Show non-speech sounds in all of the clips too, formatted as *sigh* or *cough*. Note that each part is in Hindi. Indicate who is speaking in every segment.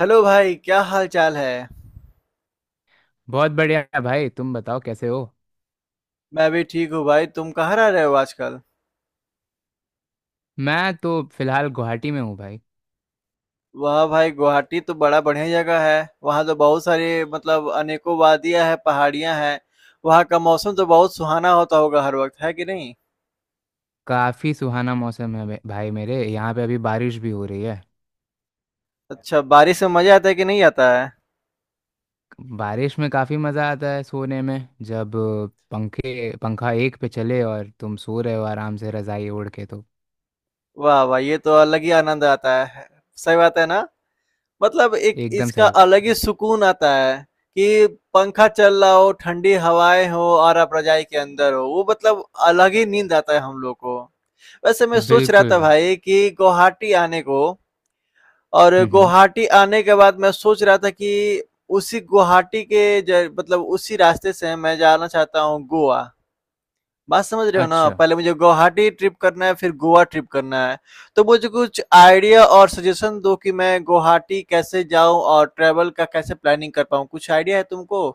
Speaker 1: हेलो भाई, क्या हाल-चाल है?
Speaker 2: बहुत बढ़िया भाई, तुम बताओ कैसे हो।
Speaker 1: मैं भी ठीक हूँ भाई, तुम कहाँ रह रहे हो आजकल?
Speaker 2: मैं तो फिलहाल गुवाहाटी में हूँ भाई।
Speaker 1: वाह भाई, गुवाहाटी तो बड़ा बढ़िया जगह है। वहाँ तो बहुत सारे अनेकों वादियाँ हैं, पहाड़ियाँ हैं। वहाँ का मौसम तो बहुत सुहाना होता होगा हर वक़्त, है कि नहीं?
Speaker 2: काफ़ी सुहाना मौसम है भाई, मेरे यहाँ पे अभी बारिश भी हो रही है।
Speaker 1: अच्छा, बारिश में मज़ा आता है कि नहीं आता है?
Speaker 2: बारिश में काफ़ी मज़ा आता है सोने में। जब पंखे पंखा एक पे चले और तुम सो रहे हो आराम से रज़ाई ओढ़ के तो।
Speaker 1: वाह वाह! ये तो अलग ही आनंद आता है। सही बात है ना? मतलब एक
Speaker 2: एकदम
Speaker 1: इसका
Speaker 2: सही
Speaker 1: अलग
Speaker 2: बात।
Speaker 1: ही सुकून आता है कि पंखा चल रहा हो, ठंडी हवाएँ हो और आप रज़ाई के अंदर हो। वो मतलब अलग ही नींद आता है हम लोग को। वैसे मैं
Speaker 2: है
Speaker 1: सोच रहा
Speaker 2: बिल्कुल
Speaker 1: था
Speaker 2: भाई।
Speaker 1: भाई कि गुवाहाटी आने को और
Speaker 2: हम्म।
Speaker 1: गुवाहाटी आने के बाद मैं सोच रहा था कि उसी गुवाहाटी के ज- मतलब उसी रास्ते से मैं जाना चाहता हूँ गोवा। बात समझ रहे हो ना,
Speaker 2: अच्छा।
Speaker 1: पहले मुझे गुवाहाटी ट्रिप करना है फिर गोवा ट्रिप करना है। तो मुझे कुछ आइडिया और सजेशन दो कि मैं गुवाहाटी कैसे जाऊं और ट्रैवल का कैसे प्लानिंग कर पाऊं, कुछ आइडिया है तुमको?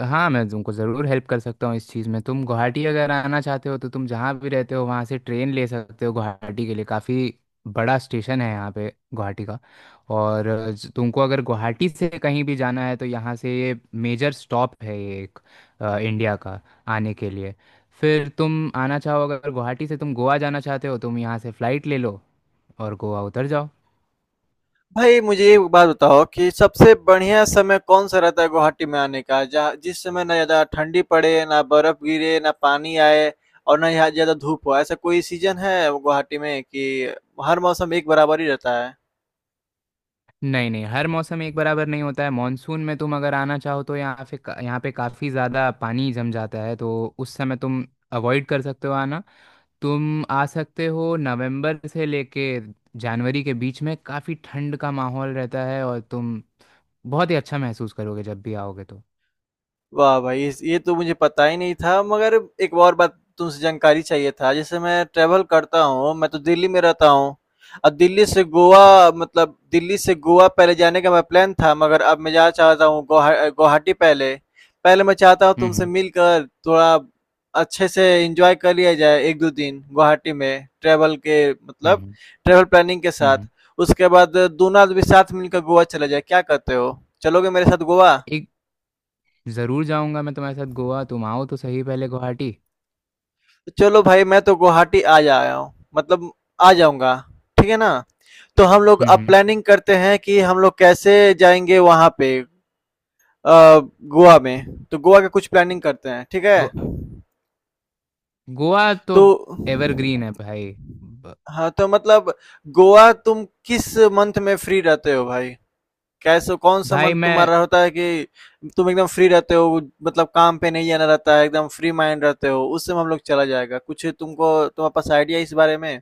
Speaker 2: हाँ, मैं तुमको ज़रूर हेल्प कर सकता हूँ इस चीज़ में। तुम गुवाहाटी अगर आना चाहते हो तो तुम जहाँ भी रहते हो वहाँ से ट्रेन ले सकते हो गुवाहाटी के लिए। काफ़ी बड़ा स्टेशन है यहाँ पे गुवाहाटी का। और तुमको अगर गुवाहाटी से कहीं भी जाना है तो यहाँ से ये मेजर स्टॉप है, ये एक इंडिया का आने के लिए। फिर तुम आना चाहो, अगर गुवाहाटी से तुम गोवा जाना चाहते हो तो तुम यहाँ से फ़्लाइट ले लो और गोवा उतर जाओ।
Speaker 1: भाई मुझे एक बात बताओ कि सबसे बढ़िया समय कौन सा रहता है गुवाहाटी में आने का, जहाँ जिस समय ना ज़्यादा ठंडी पड़े, ना बर्फ गिरे, ना पानी आए और ना यहाँ ज़्यादा धूप हो। ऐसा कोई सीज़न है गुवाहाटी में कि हर मौसम एक बराबर ही रहता है?
Speaker 2: नहीं नहीं, हर मौसम एक बराबर नहीं होता है। मानसून में तुम अगर आना चाहो तो यहाँ पे काफ़ी ज़्यादा पानी जम जाता है, तो उस समय तुम अवॉइड कर सकते हो आना। तुम आ सकते हो नवंबर से लेके जनवरी के बीच में। काफ़ी ठंड का माहौल रहता है और तुम बहुत ही अच्छा महसूस करोगे जब भी आओगे तो।
Speaker 1: वाह भाई! इस ये तो मुझे पता ही नहीं था, मगर एक और बात तुमसे जानकारी चाहिए था। जैसे मैं ट्रैवल करता हूँ, मैं तो दिल्ली में रहता हूँ और
Speaker 2: हम्म
Speaker 1: दिल्ली से गोवा पहले जाने का मेरा प्लान था, मगर अब मैं जाना चाहता हूँ गोहा गुवाहाटी पहले। पहले मैं चाहता हूँ तुमसे
Speaker 2: हम्म।
Speaker 1: मिलकर थोड़ा अच्छे से एन्जॉय कर लिया जाए 1-2 दिन गुवाहाटी में
Speaker 2: हम्म
Speaker 1: ट्रैवल प्लानिंग के साथ।
Speaker 2: हम्म।
Speaker 1: उसके बाद दोनों आदमी साथ मिलकर गोवा चला जाए, क्या कहते हो? चलोगे मेरे साथ गोवा?
Speaker 2: एक ज़रूर जाऊंगा मैं तुम्हारे साथ गोवा। तुम आओ तो सही पहले गुवाहाटी।
Speaker 1: तो चलो भाई, मैं तो गुवाहाटी आ जाया हूँ, मतलब आ जाऊँगा, ठीक है ना? तो हम लोग अब
Speaker 2: हम्म।
Speaker 1: प्लानिंग करते हैं कि हम लोग कैसे जाएँगे वहाँ पे। अ, गोवा में, तो गोवा का कुछ प्लानिंग करते हैं, ठीक है?
Speaker 2: गो, गोवा तो
Speaker 1: तो
Speaker 2: एवरग्रीन है भाई। ब-
Speaker 1: हाँ, गोवा तुम किस मंथ में फ्री रहते हो भाई? कैसे कौन-सा
Speaker 2: भाई
Speaker 1: मंथ
Speaker 2: मैं,
Speaker 1: तुम्हारा होता है कि तुम एकदम फ्री रहते हो, मतलब काम पे नहीं जाना रहता है, एकदम फ्री माइंड रहते हो, उस समय हम लोग चला जाएगा, कुछ तुमको तुम्हारे पास आइडिया है इस बारे में?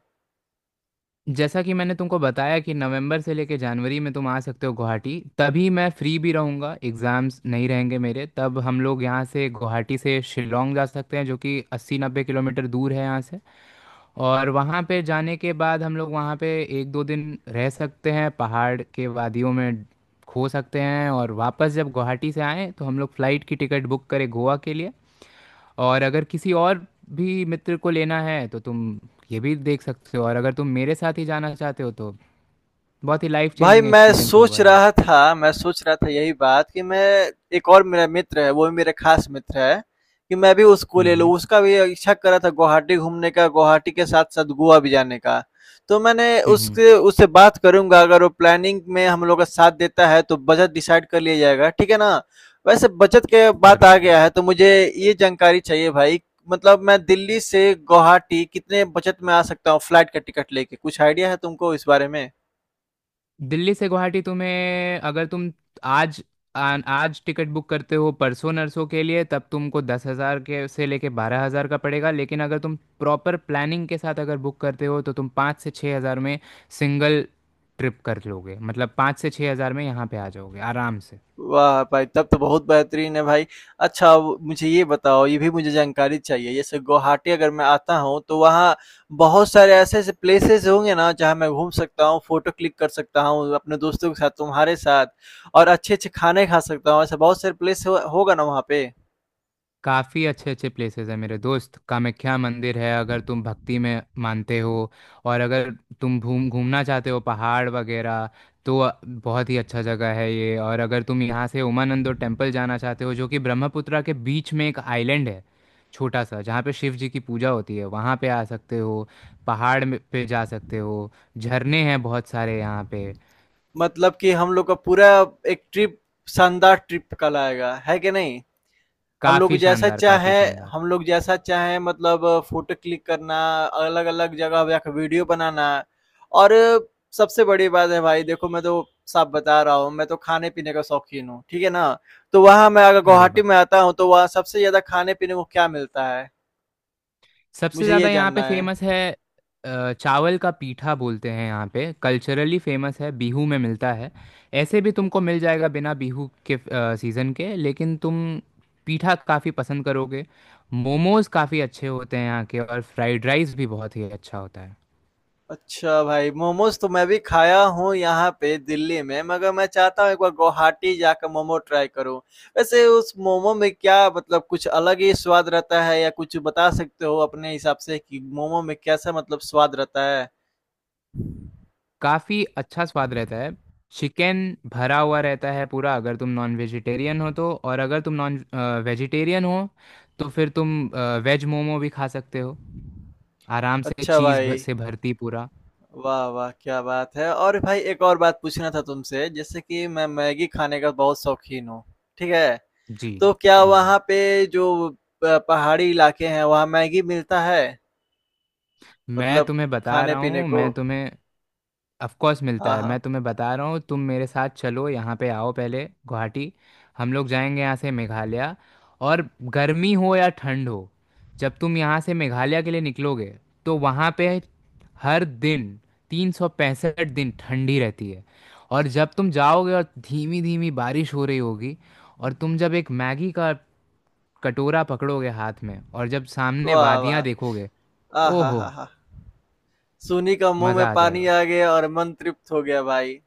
Speaker 2: जैसा कि मैंने तुमको बताया कि नवंबर से लेके जनवरी में तुम आ सकते हो गुवाहाटी। तभी मैं फ्री भी रहूँगा, एग्ज़ाम्स नहीं रहेंगे मेरे। तब हम लोग यहाँ से गुवाहाटी से शिलोंग जा सकते हैं, जो कि 80-90 किलोमीटर दूर है यहाँ से। और वहाँ पे जाने के बाद हम लोग वहाँ पे एक दो दिन रह सकते हैं, पहाड़ के वादियों में खो सकते हैं। और वापस जब गुवाहाटी से आएँ तो हम लोग फ़्लाइट की टिकट बुक करें गोवा के लिए। और अगर किसी और भी मित्र को लेना है तो तुम ये भी देख सकते हो। और अगर तुम मेरे साथ ही जाना चाहते हो तो बहुत ही लाइफ
Speaker 1: भाई
Speaker 2: चेंजिंग एक्सपीरियंस होगा ये।
Speaker 1: मैं सोच रहा था यही बात कि मैं, एक और मेरा मित्र है, वो भी मेरा खास मित्र है, कि मैं भी उसको ले
Speaker 2: हम्म।
Speaker 1: लूँ। उसका भी इच्छा कर रहा था गुवाहाटी घूमने का, गुवाहाटी के साथ-साथ गोवा भी जाने का। तो मैंने
Speaker 2: हम्म हम्म,
Speaker 1: उसके उससे बात करूँगा, अगर वो प्लानिंग में हम लोग का साथ देता है तो बजट डिसाइड कर लिया जाएगा, ठीक है ना? वैसे बजट के बात
Speaker 2: जरूर
Speaker 1: आ
Speaker 2: जरूर।
Speaker 1: गया है तो मुझे ये जानकारी चाहिए भाई, मतलब मैं दिल्ली से गुवाहाटी कितने बजट में आ सकता हूँ फ्लाइट का टिकट लेके? कुछ आइडिया है तुमको इस बारे में?
Speaker 2: दिल्ली से गुवाहाटी तुम्हें, अगर तुम आज आज टिकट बुक करते हो परसों नरसों के लिए, तब तुमको 10,000 के से लेके 12,000 का पड़ेगा। लेकिन अगर तुम प्रॉपर प्लानिंग के साथ अगर बुक करते हो तो तुम 5,000 से 6,000 में सिंगल ट्रिप कर लोगे। मतलब 5,000 से 6,000 में यहाँ पे आ जाओगे आराम से।
Speaker 1: वाह भाई! तब तो बहुत बेहतरीन है भाई। अच्छा अब मुझे ये बताओ, ये भी मुझे जानकारी चाहिए, जैसे गुवाहाटी अगर मैं आता हूँ, तो वहाँ बहुत सारे ऐसे-ऐसे प्लेसेस होंगे ना, जहाँ मैं घूम सकता हूँ, फ़ोटो क्लिक कर सकता हूँ अपने दोस्तों के साथ, तुम्हारे साथ, और अच्छे-अच्छे खाने खा सकता हूँ, ऐसा बहुत सारे प्लेस हो होगा ना वहाँ पे?
Speaker 2: काफ़ी अच्छे अच्छे प्लेसेस हैं मेरे दोस्त। कामाख्या मंदिर है अगर तुम भक्ति में मानते हो। और अगर तुम घूम घूमना चाहते हो पहाड़ वगैरह तो बहुत ही अच्छा जगह है ये। और अगर तुम यहाँ से उमानंदो टेम्पल जाना चाहते हो, जो कि ब्रह्मपुत्रा के बीच में एक आइलैंड है छोटा सा, जहाँ पे शिव जी की पूजा होती है, वहाँ पे आ सकते हो। पहाड़ पे जा सकते हो। झरने हैं बहुत सारे यहाँ पे।
Speaker 1: मतलब कि हम लोग का पूरा एक ट्रिप शानदार ट्रिप कहलाएगा, है कि नहीं? हम लोग
Speaker 2: काफ़ी
Speaker 1: जैसा
Speaker 2: शानदार, काफ़ी
Speaker 1: चाहे
Speaker 2: शानदार।
Speaker 1: हम लोग जैसा चाहे, मतलब फ़ोटो क्लिक करना, अलग-अलग जगह जाके वीडियो बनाना, और सबसे बड़ी बात है भाई, देखो मैं तो साफ बता रहा हूँ, मैं तो खाने-पीने का शौकीन हूँ, ठीक है ना? तो वहाँ मैं अगर
Speaker 2: अरे
Speaker 1: गुवाहाटी
Speaker 2: वाह।
Speaker 1: में आता हूँ तो वहाँ सबसे ज़्यादा खाने-पीने को क्या मिलता है?
Speaker 2: सबसे
Speaker 1: मुझे ये
Speaker 2: ज़्यादा यहाँ पे
Speaker 1: जानना है।
Speaker 2: फेमस है, चावल का पीठा बोलते हैं यहाँ पे। कल्चरली फेमस है, बिहू में मिलता है। ऐसे भी तुमको मिल जाएगा बिना बिहू के सीज़न के। लेकिन तुम पीठा काफ़ी पसंद करोगे। मोमोज़ काफ़ी अच्छे होते हैं यहाँ के। और फ्राइड राइस भी बहुत ही अच्छा होता है।
Speaker 1: अच्छा भाई, मोमोज़ तो मैं भी खाया हूँ यहाँ पे दिल्ली में, मगर मैं चाहता हूँ एक बार गुवाहाटी जाकर मोमो ट्राई करूँ। वैसे उस मोमो में क्या मतलब कुछ अलग ही स्वाद रहता है या कुछ बता सकते हो अपने हिसाब से कि मोमो में कैसा मतलब स्वाद रहता है?
Speaker 2: काफ़ी अच्छा स्वाद रहता है। चिकन भरा हुआ रहता है पूरा अगर तुम नॉन वेजिटेरियन हो, तो। और अगर तुम नॉन वेजिटेरियन हो तो फिर तुम वेज मोमो भी खा सकते हो आराम से,
Speaker 1: अच्छा
Speaker 2: चीज
Speaker 1: भाई,
Speaker 2: से भरती पूरा।
Speaker 1: वाह, वाह! क्या बात है, और भाई एक और बात पूछना था तुमसे, जैसे कि मैं मैगी खाने का बहुत शौकीन हूँ, ठीक है?
Speaker 2: जी
Speaker 1: तो
Speaker 2: जी,
Speaker 1: क्या वहाँ पे जो प पहाड़ी इलाके हैं वहाँ मैगी मिलता है?
Speaker 2: मैं
Speaker 1: मतलब
Speaker 2: तुम्हें बता रहा
Speaker 1: खाने-पीने
Speaker 2: हूँ,
Speaker 1: को?
Speaker 2: मैं तुम्हें। ऑफ कोर्स मिलता
Speaker 1: हाँ,
Speaker 2: है।
Speaker 1: हाँ।
Speaker 2: मैं तुम्हें बता रहा हूँ, तुम मेरे साथ चलो, यहाँ पे आओ पहले गुवाहाटी। हम लोग जाएंगे यहाँ से मेघालय। और गर्मी हो या ठंड हो, जब तुम यहाँ से मेघालय के लिए निकलोगे तो वहाँ पे हर दिन, 365 दिन ठंडी रहती है। और जब तुम जाओगे और धीमी धीमी बारिश हो रही होगी और तुम जब एक मैगी का कटोरा पकड़ोगे हाथ में और जब सामने
Speaker 1: वाह,
Speaker 2: वादियां
Speaker 1: वाह!
Speaker 2: देखोगे। ओहो।
Speaker 1: आहाहाहा! सूनी का मुँह में
Speaker 2: मजा आ
Speaker 1: पानी
Speaker 2: जाएगा।
Speaker 1: आ गया और मन तृप्त हो गया भाई।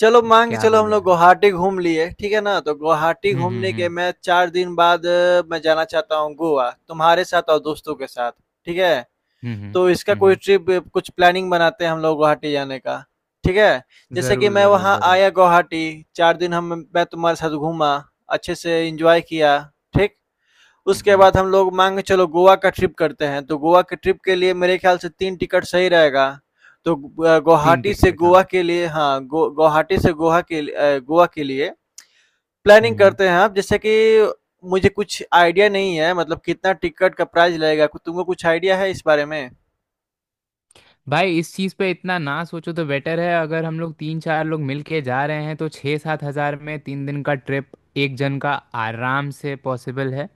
Speaker 1: चलो मान के
Speaker 2: क्या
Speaker 1: चलो हम
Speaker 2: बोलो
Speaker 1: लोग
Speaker 2: यार।
Speaker 1: गुवाहाटी घूम लिए, ठीक है ना? तो गुवाहाटी घूमने के
Speaker 2: हम्म।
Speaker 1: मैं 4 दिन बाद मैं जाना चाहता हूँ गोवा, तुम्हारे साथ और दोस्तों के साथ, ठीक है?
Speaker 2: हम्म हम्म
Speaker 1: तो इसका
Speaker 2: हम्म,
Speaker 1: कोई
Speaker 2: हम्म,
Speaker 1: ट्रिप कुछ प्लानिंग बनाते हैं हम लोग गुवाहाटी जाने का, ठीक है? जैसे कि
Speaker 2: जरूर
Speaker 1: मैं
Speaker 2: जरूर
Speaker 1: वहाँ
Speaker 2: जरूर।
Speaker 1: आया गुवाहाटी, 4 दिन हम मैं तुम्हारे साथ घूमा, अच्छे से एन्जॉय किया, ठीक?
Speaker 2: हम्म
Speaker 1: उसके
Speaker 2: हम्म,
Speaker 1: बाद हम लोग मान के चलो गोवा का ट्रिप करते हैं, तो गोवा के ट्रिप के लिए मेरे ख्याल से तीन टिकट सही रहेगा। तो
Speaker 2: तीन टिकट हाँ।
Speaker 1: गुवाहाटी से गोवा के लिए, गोवा के लिए
Speaker 2: हम्म
Speaker 1: प्लानिंग
Speaker 2: हम्म।
Speaker 1: करते हैं आप, जैसे कि मुझे कुछ आइडिया नहीं है, मतलब कितना टिकट का प्राइस लगेगा, तुमको कुछ आइडिया है इस बारे में?
Speaker 2: भाई, इस चीज पे इतना ना सोचो तो बेटर है। अगर हम लोग तीन चार लोग मिलके जा रहे हैं तो 6,000 से 7,000 में 3 दिन का ट्रिप, एक जन का, आराम से पॉसिबल है।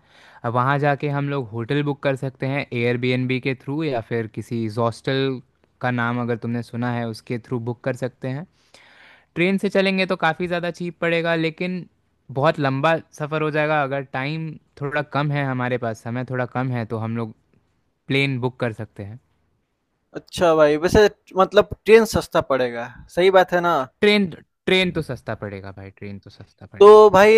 Speaker 2: अब वहाँ जाके हम लोग होटल बुक कर सकते हैं एयरबीएनबी के थ्रू, या फिर किसी हॉस्टल का नाम अगर तुमने सुना है उसके थ्रू बुक कर सकते हैं। ट्रेन से चलेंगे तो काफ़ी ज़्यादा चीप पड़ेगा, लेकिन बहुत लंबा सफ़र हो जाएगा। अगर टाइम थोड़ा कम है, हमारे पास समय थोड़ा कम है, तो हम लोग प्लेन बुक कर सकते हैं।
Speaker 1: अच्छा भाई, वैसे मतलब ट्रेन सस्ता पड़ेगा, सही बात है ना?
Speaker 2: ट्रेन ट्रेन तो सस्ता पड़ेगा भाई, ट्रेन तो सस्ता
Speaker 1: तो
Speaker 2: पड़ेगा।
Speaker 1: भाई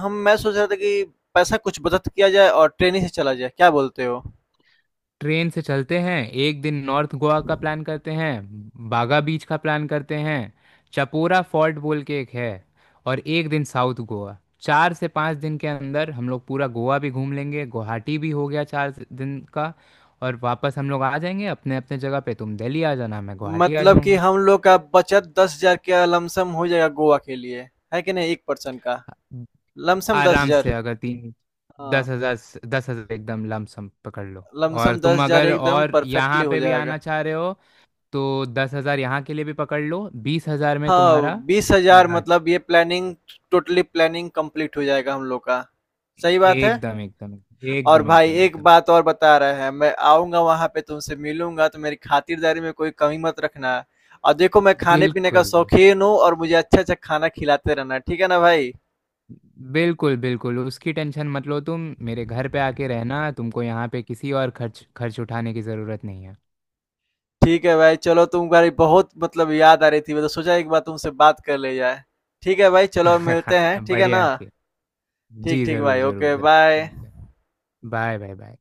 Speaker 1: हम मैं सोच रहा था कि पैसा कुछ बचत किया जाए और ट्रेन ही से चला जाए, क्या बोलते हो?
Speaker 2: ट्रेन से चलते हैं। 1 दिन नॉर्थ गोवा का प्लान करते हैं। बागा बीच का प्लान करते हैं। चपोरा फोर्ट बोल के एक है। और 1 दिन साउथ गोवा। 4 से 5 दिन के अंदर हम लोग पूरा गोवा भी घूम लेंगे। गुवाहाटी भी हो गया 4 दिन का। और वापस हम लोग आ जाएंगे अपने अपने जगह पे। तुम दिल्ली आ जाना, मैं गुवाहाटी आ
Speaker 1: मतलब कि
Speaker 2: जाऊंगा।
Speaker 1: हम लोग का बचत 10,000 का लमसम हो जाएगा गोवा के लिए, है कि नहीं? 1 पर्सन का, लमसम
Speaker 2: आराम
Speaker 1: 10,000।
Speaker 2: से अगर तीन। दस
Speaker 1: हाँ,
Speaker 2: हजार 10,000 एकदम लमसम पकड़ लो। और
Speaker 1: लमसम
Speaker 2: तुम
Speaker 1: 10,000
Speaker 2: अगर
Speaker 1: एकदम
Speaker 2: और
Speaker 1: परफेक्टली
Speaker 2: यहाँ
Speaker 1: हो
Speaker 2: पे भी
Speaker 1: जाएगा।
Speaker 2: आना चाह रहे हो तो 10,000 यहाँ के लिए भी पकड़ लो। 20,000 में
Speaker 1: हाँ,
Speaker 2: तुम्हारा
Speaker 1: 20,000,
Speaker 2: पूरा-
Speaker 1: मतलब ये प्लानिंग टोटली प्लानिंग कंप्लीट हो जाएगा हम लोग का। सही बात है?
Speaker 2: एकदम एकदम
Speaker 1: और
Speaker 2: एकदम।
Speaker 1: भाई
Speaker 2: एकदम
Speaker 1: एक
Speaker 2: एकदम।
Speaker 1: बात और बता रहे हैं, मैं आऊँगा वहाँ पे तुमसे मिलूँगा तो मेरी खातिरदारी में कोई कमी मत रखना। और देखो मैं खाने-पीने का
Speaker 2: बिल्कुल बिल्कुल।
Speaker 1: शौकीन हूँ और मुझे अच्छा-अच्छा खाना खिलाते रहना, ठीक है ना भाई?
Speaker 2: बिल्कुल बिल्कुल, उसकी टेंशन मत लो। तुम मेरे घर पे आके रहना। तुमको यहाँ पे किसी और खर्च खर्च उठाने की ज़रूरत नहीं है।
Speaker 1: ठीक है भाई, चलो तुम्हारी बहुत याद आ रही थी, तो सोचा एक बार तुमसे बात कर ली जाए। ठीक है भाई, चलो मिलते हैं,
Speaker 2: *laughs*
Speaker 1: ठीक है ना?
Speaker 2: बढ़िया के। जी
Speaker 1: ठीक
Speaker 2: ज़रूर
Speaker 1: भाई,
Speaker 2: ज़रूर
Speaker 1: ओके
Speaker 2: ज़रूर।
Speaker 1: बाय।
Speaker 2: मिलते हैं। Bye bye bye.